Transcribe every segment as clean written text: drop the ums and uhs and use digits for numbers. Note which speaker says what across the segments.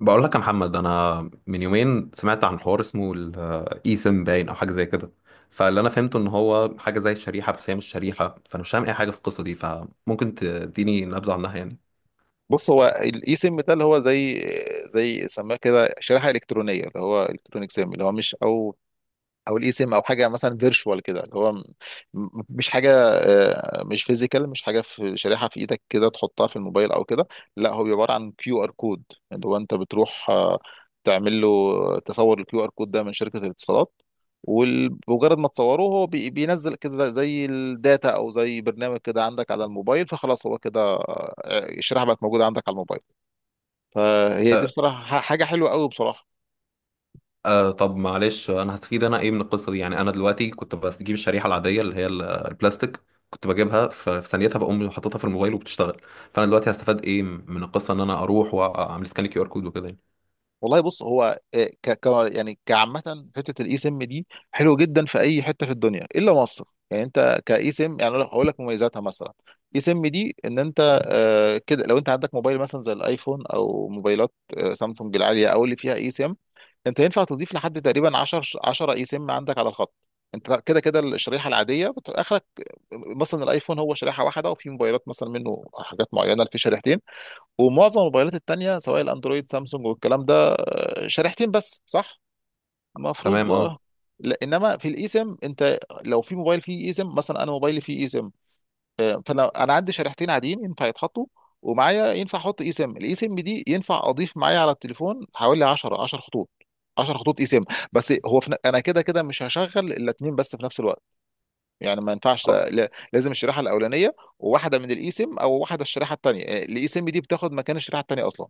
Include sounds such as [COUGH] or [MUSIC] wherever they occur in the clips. Speaker 1: بقول لك يا محمد، انا من يومين سمعت عن حوار اسمه الاي سم باين او حاجه زي كده. فاللي انا فهمته ان هو حاجه زي الشريحه، بس هي مش شريحه، فانا مش فاهم اي حاجه في القصه دي، فممكن تديني نبذه عنها يعني.
Speaker 2: بص، هو الاي سيم ده اللي هو زي سماه كده شريحه الكترونيه، اللي هو الكترونيك سيم، اللي هو مش او الاي سيم، او حاجه مثلا فيرتشوال كده، اللي هو مش حاجه، مش فيزيكال، مش حاجه في شريحه في ايدك كده تحطها في الموبايل او كده. لا، هو بيبقى عباره عن كيو ار كود، اللي هو انت بتروح تعمل له، تصور الكيو ار كود ده من شركه الاتصالات. ومجرد ما تصوره هو بينزل كده زي الداتا او زي برنامج كده عندك على الموبايل، فخلاص هو كده، الشريحه بقت موجوده عندك على الموبايل. فهي دي بصراحه حاجه حلوه قوي بصراحه.
Speaker 1: أه طب معلش، انا هستفيد انا ايه من القصه دي يعني؟ انا دلوقتي كنت بجيب الشريحه العاديه اللي هي البلاستيك، كنت بجيبها في ثانيتها بقوم حاططها في الموبايل وبتشتغل. فانا دلوقتي هستفاد ايه من القصه؟ ان انا اروح واعمل سكان كيو ار كود وكده يعني.
Speaker 2: والله، بص هو يعني كعامة حتة، الاي سم دي حلو جدا في اي حتة في الدنيا الا مصر. يعني انت كاي سم، يعني أنا هقول لك مميزاتها مثلا. اي سم دي، ان انت كده لو انت عندك موبايل مثلا زي الايفون او موبايلات سامسونج العالية او اللي فيها اي سم، انت ينفع تضيف لحد تقريبا 10 اي سم عندك على الخط. انت كده كده الشريحه العاديه اخرك. مثلا الايفون هو شريحه واحده، وفي موبايلات مثلا منه حاجات معينه اللي في شريحتين. ومعظم الموبايلات التانية سواء الاندرويد سامسونج والكلام ده، شريحتين بس، صح؟ المفروض،
Speaker 1: تمام
Speaker 2: لا، انما في الايسم انت، لو في موبايل فيه ايسم، مثلا انا موبايلي فيه ايسم. فانا انا عندي شريحتين عاديين ينفع يتحطوا، ومعايا ينفع احط ايسم. الايسم دي ينفع اضيف معايا على التليفون حوالي 10 خطوط، 10 خطوط ايسم. بس هو في انا كده كده مش هشغل الا اتنين بس في نفس الوقت. يعني ما ينفعش،
Speaker 1: اه.
Speaker 2: لازم الشريحه الاولانيه وواحده من الايسم، او واحده الشريحه الثانيه. الايسم دي بتاخد مكان الشريحه الثانيه اصلا.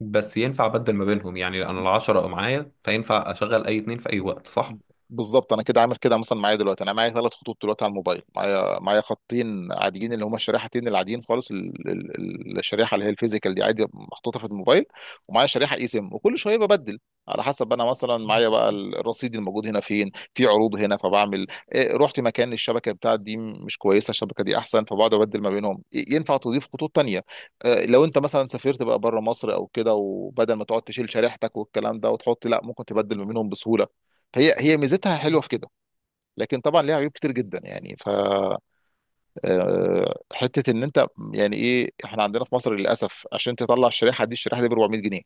Speaker 1: بس ينفع أبدل ما بينهم يعني، أنا العشرة أو معايا، فينفع أشغل أي اتنين في أي وقت صح؟
Speaker 2: بالظبط، انا كده عامل كده. مثلا معايا دلوقتي، انا معايا ثلاث خطوط دلوقتي على الموبايل. معايا خطين عاديين اللي هما الشريحتين العاديين خالص، الشريحه اللي هي الفيزيكال دي عادي محطوطه في الموبايل. ومعايا شريحه اي سيم، وكل شويه ببدل على حسب. انا مثلا معايا بقى الرصيد الموجود هنا، فين في عروض هنا، فبعمل إيه؟ رحت مكان الشبكه بتاعت دي مش كويسه، الشبكه دي احسن، فبقعد ابدل ما بينهم. إيه، ينفع تضيف خطوط تانية؟ لو انت مثلا سافرت بقى بره مصر او كده، وبدل ما تقعد تشيل شريحتك والكلام ده وتحط، لا، ممكن تبدل ما بينهم بسهوله. هي ميزتها حلوه في كده. لكن طبعا ليها عيوب كتير جدا، يعني. ف آه، حته ان انت، يعني ايه، احنا عندنا في مصر للاسف عشان تطلع الشريحه دي، الشريحه دي ب 400 جنيه.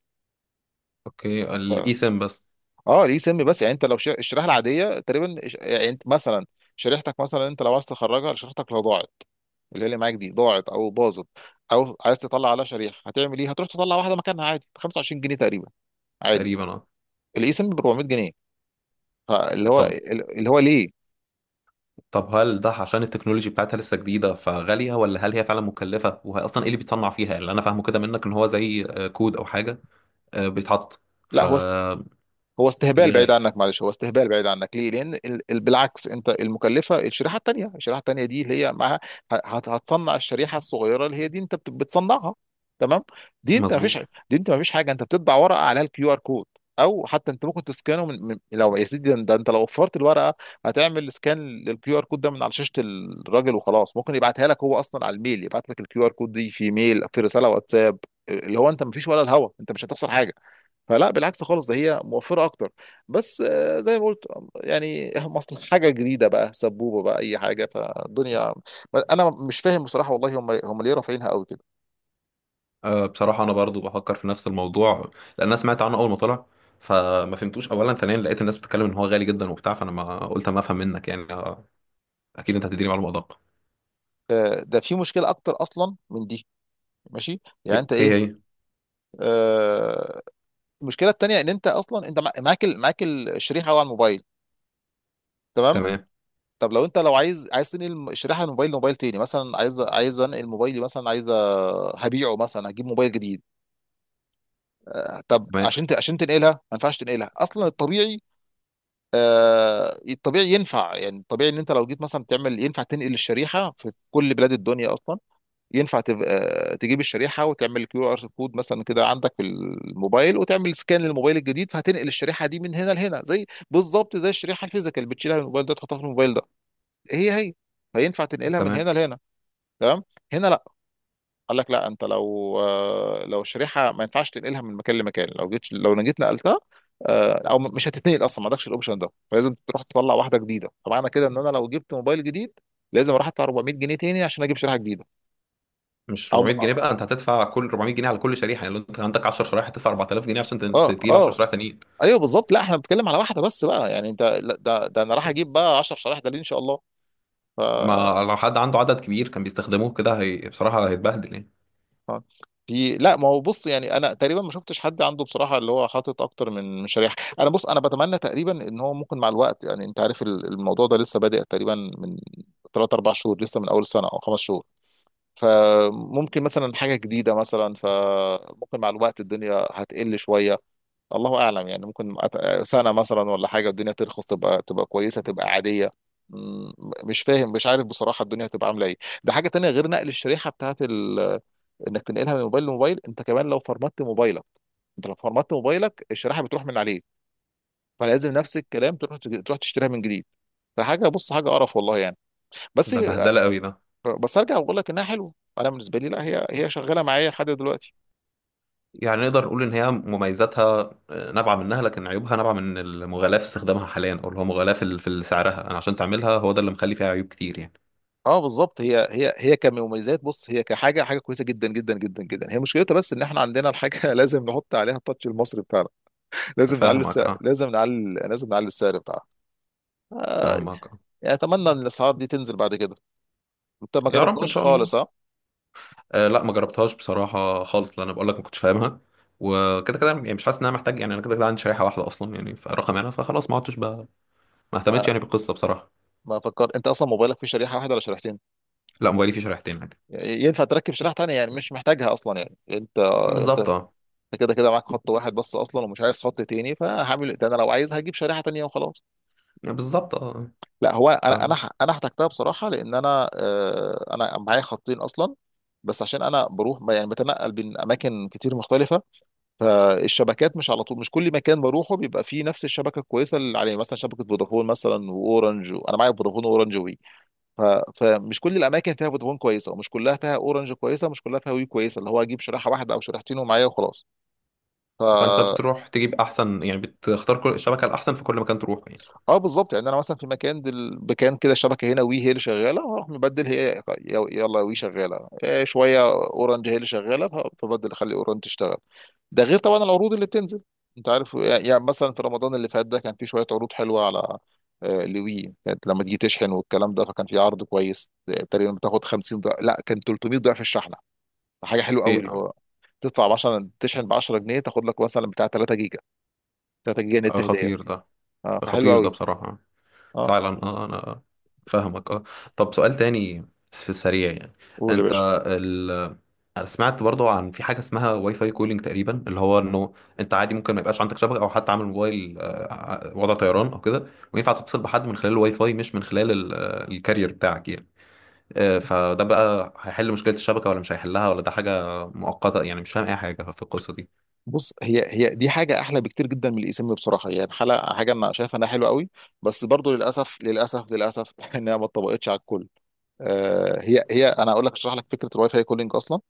Speaker 1: أوكي،
Speaker 2: ف...
Speaker 1: الإي سيم بس؟
Speaker 2: اه ليه سم بس؟ يعني انت لو الشريحه العاديه تقريبا، يعني انت مثلا شريحتك، مثلا انت لو عايز تخرجها، شريحتك لو ضاعت، اللي هي اللي معاك دي ضاعت او باظت، او عايز تطلع على شريحه، هتعمل ايه؟ هتروح تطلع واحده مكانها عادي ب 25 جنيه تقريبا، عادي.
Speaker 1: تقريبا أه.
Speaker 2: الاي سم ب 400 جنيه. فاللي هو
Speaker 1: طب
Speaker 2: اللي هو ليه؟
Speaker 1: طب هل ده عشان التكنولوجي بتاعتها لسه جديدة فغالية، ولا هل هي فعلا مكلفة؟ وهي أصلا إيه اللي بيتصنع فيها؟ اللي أنا فاهمه كده منك إن هو زي كود أو حاجة بيتحط،
Speaker 2: لا، هو
Speaker 1: فليه
Speaker 2: هو استهبال بعيد
Speaker 1: غالي؟
Speaker 2: عنك. معلش، هو استهبال بعيد عنك، ليه؟ لان بالعكس، انت المكلفه الشريحه الثانيه. الشريحه الثانيه دي اللي هي معاها، هتصنع الشريحه الصغيره اللي هي دي انت بتصنعها، تمام؟ دي انت ما فيش
Speaker 1: مظبوط.
Speaker 2: دي انت ما فيش حاجه، انت بتطبع ورقه عليها الكيو ار كود، او حتى انت ممكن تسكانه من لو يا سيدي. ده ده انت لو وفرت الورقه، هتعمل سكان للكيو ار كود ده من على شاشه الراجل وخلاص. ممكن يبعتها لك هو اصلا على الميل، يبعت لك الكيو ار كود دي في ميل، في رساله واتساب. اللي هو انت ما فيش ولا الهوا، انت مش هتخسر حاجه. فلا، بالعكس خالص، ده هي موفرة أكتر. بس زي ما قلت، يعني مصل حاجة جديدة بقى سبوبة بقى أي حاجة فالدنيا. أنا مش فاهم بصراحة، والله هم ليه رافعينها قوي كده.
Speaker 1: بصراحة أنا برضو بفكر في نفس الموضوع لأن أنا سمعت عنه أول ما طلع، فما فهمتوش. أولا ثانيا لقيت الناس بتتكلم إن هو غالي جدا وبتاع، فأنا ما قلت أما أفهم منك يعني. أكيد أنت هتديني معلومة أدق.
Speaker 2: ده في مشكلة أكتر أصلا من دي. ماشي يعني،
Speaker 1: ايه
Speaker 2: أنت
Speaker 1: إيه
Speaker 2: إيه؟
Speaker 1: هي
Speaker 2: آه، المشكلة التانية إن أنت أصلا، أنت معاك معاك الشريحة على الموبايل، تمام.
Speaker 1: تمام.
Speaker 2: طب لو انت، لو عايز تنقل الشريحه من موبايل لموبايل تاني، مثلا عايز انقل موبايلي، مثلا عايز، هبيعه مثلا، هجيب موبايل جديد. طب
Speaker 1: تمام.
Speaker 2: عشان عشان تنقلها، ما ينفعش تنقلها اصلا الطبيعي. الطبيعي ينفع، يعني الطبيعي ان انت لو جيت مثلا تعمل، ينفع تنقل الشريحه في كل بلاد الدنيا اصلا. ينفع تجيب الشريحه وتعمل كيو ار كود مثلا كده عندك في الموبايل، وتعمل سكان للموبايل الجديد، فهتنقل الشريحه دي من هنا لهنا. زي بالظبط زي الشريحه الفيزيكال، بتشيلها من الموبايل ده تحطها في الموبايل ده، هي. فينفع تنقلها من
Speaker 1: تمام.
Speaker 2: هنا لهنا، تمام. هنا قال لك لا، انت لو، لو الشريحه ما ينفعش تنقلها من مكان لمكان، لو جيت، نقلتها، او مش هتتنقل اصلا، ما عندكش الاوبشن ده. فلازم تروح تطلع واحده جديده. فمعنى كده ان انا لو جبت موبايل جديد، لازم اروح ادفع 400 جنيه تاني عشان اجيب شريحه جديده.
Speaker 1: مش
Speaker 2: او
Speaker 1: 400 جنيه بقى، انت هتدفع كل 400 جنيه على كل شريحه، يعني لو انت عندك 10 شرايح هتدفع 4000 جنيه عشان
Speaker 2: اه اه
Speaker 1: تجيب 10
Speaker 2: آه،
Speaker 1: شرايح تانيين.
Speaker 2: ايوه بالظبط. لا، احنا بنتكلم على واحده بس بقى، يعني انت لا، ده انا راح اجيب بقى 10 شرايح؟ ده ليه ان شاء الله. ف
Speaker 1: ما لو حد عنده عدد كبير كان بيستخدموه كده، هي بصراحه هيتبهدل يعني.
Speaker 2: اه. في، لا، ما هو بص، يعني انا تقريبا ما شفتش حد عنده بصراحه اللي هو حاطط اكتر من شريحه. انا بتمنى تقريبا ان هو ممكن مع الوقت، يعني انت عارف الموضوع ده لسه بادئ تقريبا من 3 4 شهور، لسه من اول السنه، او خمس شهور. فممكن مثلا حاجه جديده، مثلا فممكن مع الوقت الدنيا هتقل شويه، الله اعلم. يعني ممكن سنه مثلا ولا حاجه الدنيا ترخص، تبقى كويسه تبقى عاديه. م- مش فاهم، مش عارف بصراحه الدنيا هتبقى عامله ايه. ده حاجه تانية غير نقل الشريحه بتاعت انك تنقلها من موبايل لموبايل. انت كمان لو فرمت موبايلك، الشريحه بتروح من عليه. فلازم نفس الكلام تروح تشتريها من جديد. فحاجه، بص، حاجه قرف والله يعني. بس،
Speaker 1: ده بهدله قوي ده.
Speaker 2: بس ارجع واقول لك انها حلوه. انا بالنسبه لي، لا، هي شغاله معايا لحد دلوقتي.
Speaker 1: يعني نقدر نقول ان هي مميزاتها نابعه منها، لكن عيوبها نابعه من المغالاة في استخدامها حاليا، او اللي هو مغالاة في سعرها انا، عشان تعملها، هو ده اللي مخلي فيها عيوب كتير يعني.
Speaker 2: اه، بالظبط. هي كمميزات، بص، هي حاجه كويسه جدا جدا جدا جدا. هي مشكلتها بس ان احنا عندنا الحاجه [LAUGHS] لازم نحط عليها التاتش المصري بتاعنا. لازم نعلي
Speaker 1: فاهمك
Speaker 2: السعر،
Speaker 1: اه.
Speaker 2: لازم نعلي السعر بتاعها.
Speaker 1: فاهمك اه.
Speaker 2: يعني اتمنى ان الاسعار دي تنزل بعد كده. انت ما
Speaker 1: يا رب ان
Speaker 2: جربتهاش
Speaker 1: شاء الله.
Speaker 2: خالص، ها؟
Speaker 1: آه لا، ما جربتهاش بصراحة خالص لأن أنا بقول لك ما كنتش فاهمها، وكده كده يعني مش حاسس إن أنا محتاج. يعني أنا كده كده عندي شريحة واحدة أصلا يعني، فرقم أنا فخلاص ما عدتش بقى، ما اهتمتش يعني بالقصة بصراحة.
Speaker 2: ما فكر، انت اصلا موبايلك فيه شريحه واحده ولا شريحتين؟
Speaker 1: لا، موبايلي فيه شريحتين عادي.
Speaker 2: يعني ينفع تركب شريحه تانية، يعني مش محتاجها اصلا، يعني انت. انت
Speaker 1: بالظبط
Speaker 2: انت
Speaker 1: أه.
Speaker 2: كده كده معاك خط واحد بس اصلا، ومش عايز خط تاني، فهعمل إيه؟ ده انا لو عايز هجيب شريحه تانية وخلاص.
Speaker 1: بالظبط أه.
Speaker 2: لا، هو
Speaker 1: ف...
Speaker 2: انا، انا احتجتها بصراحه، لان انا، انا معايا خطين اصلا. بس عشان انا بروح يعني بتنقل بين اماكن كتير مختلفه، فالشبكات مش على طول، مش كل مكان بروحه بيبقى فيه نفس الشبكه الكويسه اللي عليه. مثلا شبكه فودافون مثلا واورنج، انا معايا فودافون واورنج. ف... فمش كل الاماكن فيها فودافون كويسه، ومش كلها فيها اورنج كويسه، ومش كلها فيها وي كويسه، اللي هو اجيب شريحه واحده او شريحتين ومعايا وخلاص. ف
Speaker 1: فأنت بتروح تجيب أحسن يعني، بتختار كل الشبكة الأحسن في كل مكان تروح يعني؟
Speaker 2: اه بالظبط. يعني انا مثلا في مكان مكان كده الشبكه هنا وي هي اللي شغاله، اروح مبدل، هي يلا وي شغاله، إيه، شويه اورنج هي اللي شغاله، فبدل اخلي اورنج تشتغل. ده غير طبعا العروض اللي بتنزل. انت عارف، يعني مثلا في رمضان اللي فات ده كان في شويه عروض حلوه على، لوي كانت لما تيجي تشحن والكلام ده، فكان في عرض كويس، تقريبا بتاخد 50 ضعف، لا، كان 300 ضعف الشحن. حاجه حلوه قوي
Speaker 1: إيه.
Speaker 2: اللي هو تدفع ب 10، تشحن ب 10 جنيه، تاخد لك مثلا بتاع 3 جيجا، نت هديه.
Speaker 1: خطير ده.
Speaker 2: اه، فحلو
Speaker 1: خطير ده
Speaker 2: قوي.
Speaker 1: بصراحة.
Speaker 2: اه،
Speaker 1: فعلا اه. انا فاهمك اه. طب سؤال تاني في السريع يعني،
Speaker 2: قول يا
Speaker 1: انت
Speaker 2: باشا.
Speaker 1: ال... انا سمعت برضو عن في حاجه اسمها واي فاي كولينج تقريبا، اللي هو انه انت عادي ممكن ما يبقاش عندك شبكه، او حتى عامل موبايل وضع طيران او كده، وينفع تتصل بحد من خلال الواي فاي مش من خلال الكارير بتاعك يعني. فده بقى هيحل مشكله الشبكه ولا مش هيحلها، ولا ده حاجه مؤقته؟ يعني مش فاهم اي حاجه في القصه دي.
Speaker 2: بص، هي دي حاجه احلى بكتير جدا من الاسم بصراحه. يعني حلقه، حاجه انا شايفها انها حلوه قوي. بس برضو للاسف للاسف للاسف [LAUGHS] انها ما اتطبقتش على الكل. هي انا اقول لك، اشرح لك فكره الواي فاي كولينج اصلا.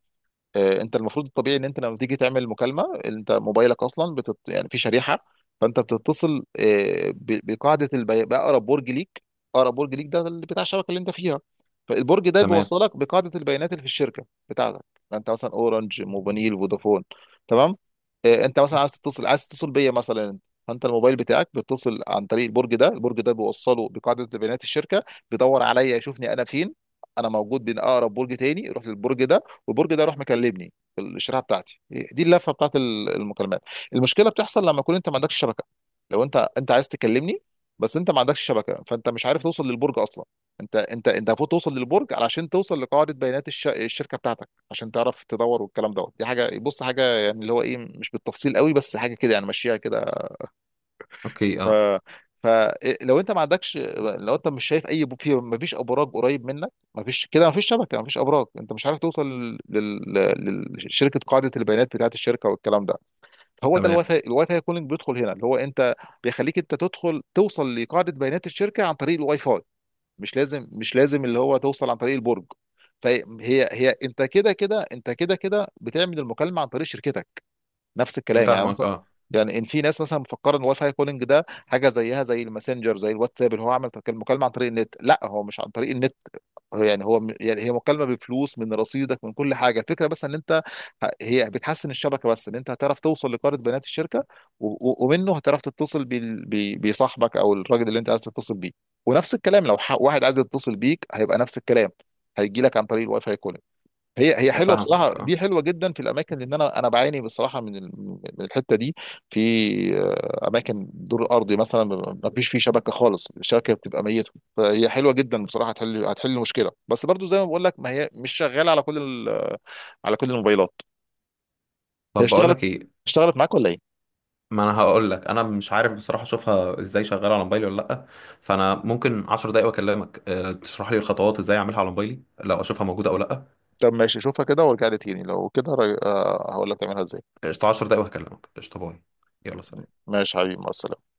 Speaker 2: انت المفروض الطبيعي ان انت لما تيجي تعمل مكالمه، انت موبايلك اصلا يعني في شريحه. فانت بتتصل باقرب برج ليك. اقرب برج ليك ده اللي بتاع الشبكه اللي انت فيها. فالبرج ده
Speaker 1: تمام.
Speaker 2: بيوصلك بقاعده البيانات اللي في الشركه بتاعتك. يعني انت مثلا اورنج موبينيل فودافون، تمام. انت مثلا عايز تتصل، بيا مثلا. فانت الموبايل بتاعك بيتصل عن طريق البرج ده. البرج ده بيوصله بقاعده بيانات الشركه، بيدور عليا يشوفني انا فين. انا موجود بين اقرب برج تاني، يروح للبرج ده، والبرج ده راح مكلمني في الشريحه بتاعتي دي. اللفه بتاعت المكالمات. المشكله بتحصل لما يكون انت ما عندكش شبكه. لو انت عايز تكلمني، بس انت ما عندكش شبكه، فانت مش عارف توصل للبرج اصلا. انت المفروض توصل للبرج علشان توصل لقاعده بيانات الشركه بتاعتك، عشان تعرف تدور والكلام دوت. دي حاجه، بص، حاجه يعني اللي هو ايه، مش بالتفصيل قوي، بس حاجه كده يعني ماشيها كده.
Speaker 1: اوكي
Speaker 2: ف
Speaker 1: اه.
Speaker 2: فلو انت ما عندكش، لو انت مش شايف اي في، ما فيش ابراج قريب منك، ما فيش كده، ما فيش شبكه، ما فيش ابراج، انت مش عارف توصل لشركه قاعده البيانات بتاعه الشركه والكلام ده. هو ده الواي
Speaker 1: تمام.
Speaker 2: فاي، كولينج بيدخل هنا، اللي هو انت، بيخليك انت تدخل توصل لقاعده بيانات الشركه عن طريق الواي فاي. مش لازم، اللي هو توصل عن طريق البرج. فهي، انت كده كده، بتعمل المكالمه عن طريق شركتك، نفس الكلام، يعني
Speaker 1: فاهمك
Speaker 2: مثلا.
Speaker 1: اه.
Speaker 2: يعني ان في ناس مثلا مفكره ان الواي فاي كولينج ده حاجه زيها زي الماسنجر زي الواتساب، اللي هو عمل مكالمه عن طريق النت. لا، هو مش عن طريق النت. هو يعني هو يعني هي مكالمه بفلوس من رصيدك، من كل حاجه. الفكره بس ان انت، هي بتحسن الشبكه، بس ان انت هتعرف توصل لقاره بيانات الشركه، ومنه هتعرف تتصل بصاحبك او الراجل اللي انت عايز تتصل بيه. ونفس الكلام لو واحد عايز يتصل بيك، هيبقى نفس الكلام، هيجي لك عن طريق الواي فاي كولينج. هي حلوه بصراحه،
Speaker 1: فاهمك اه.
Speaker 2: دي حلوه جدا في الاماكن، لان انا بعاني بصراحه من من الحته دي. في اماكن دور ارضي مثلا ما فيش فيه شبكه خالص، الشبكه بتبقى ميته. فهي حلوه جدا بصراحه، هتحل، مشكله، بس برضو زي ما بقول لك ما هي مش شغاله على كل على كل الموبايلات. هي
Speaker 1: طب بقول
Speaker 2: اشتغلت،
Speaker 1: لك ايه،
Speaker 2: معاك ولا ايه؟
Speaker 1: ما انا هقول لك انا مش عارف بصراحه اشوفها ازاي شغاله على موبايلي ولا لا، فانا ممكن 10 دقايق واكلمك تشرح لي الخطوات ازاي اعملها على موبايلي لو اشوفها موجوده او لا.
Speaker 2: طب ماشي، شوفها كده وارجع لي تاني، لو كده هقول لك تعملها ازاي.
Speaker 1: قشطه، 10 دقايق وهكلمك. قشطه، باي. يلا سلام.
Speaker 2: ماشي حبيبي، مع السلامه.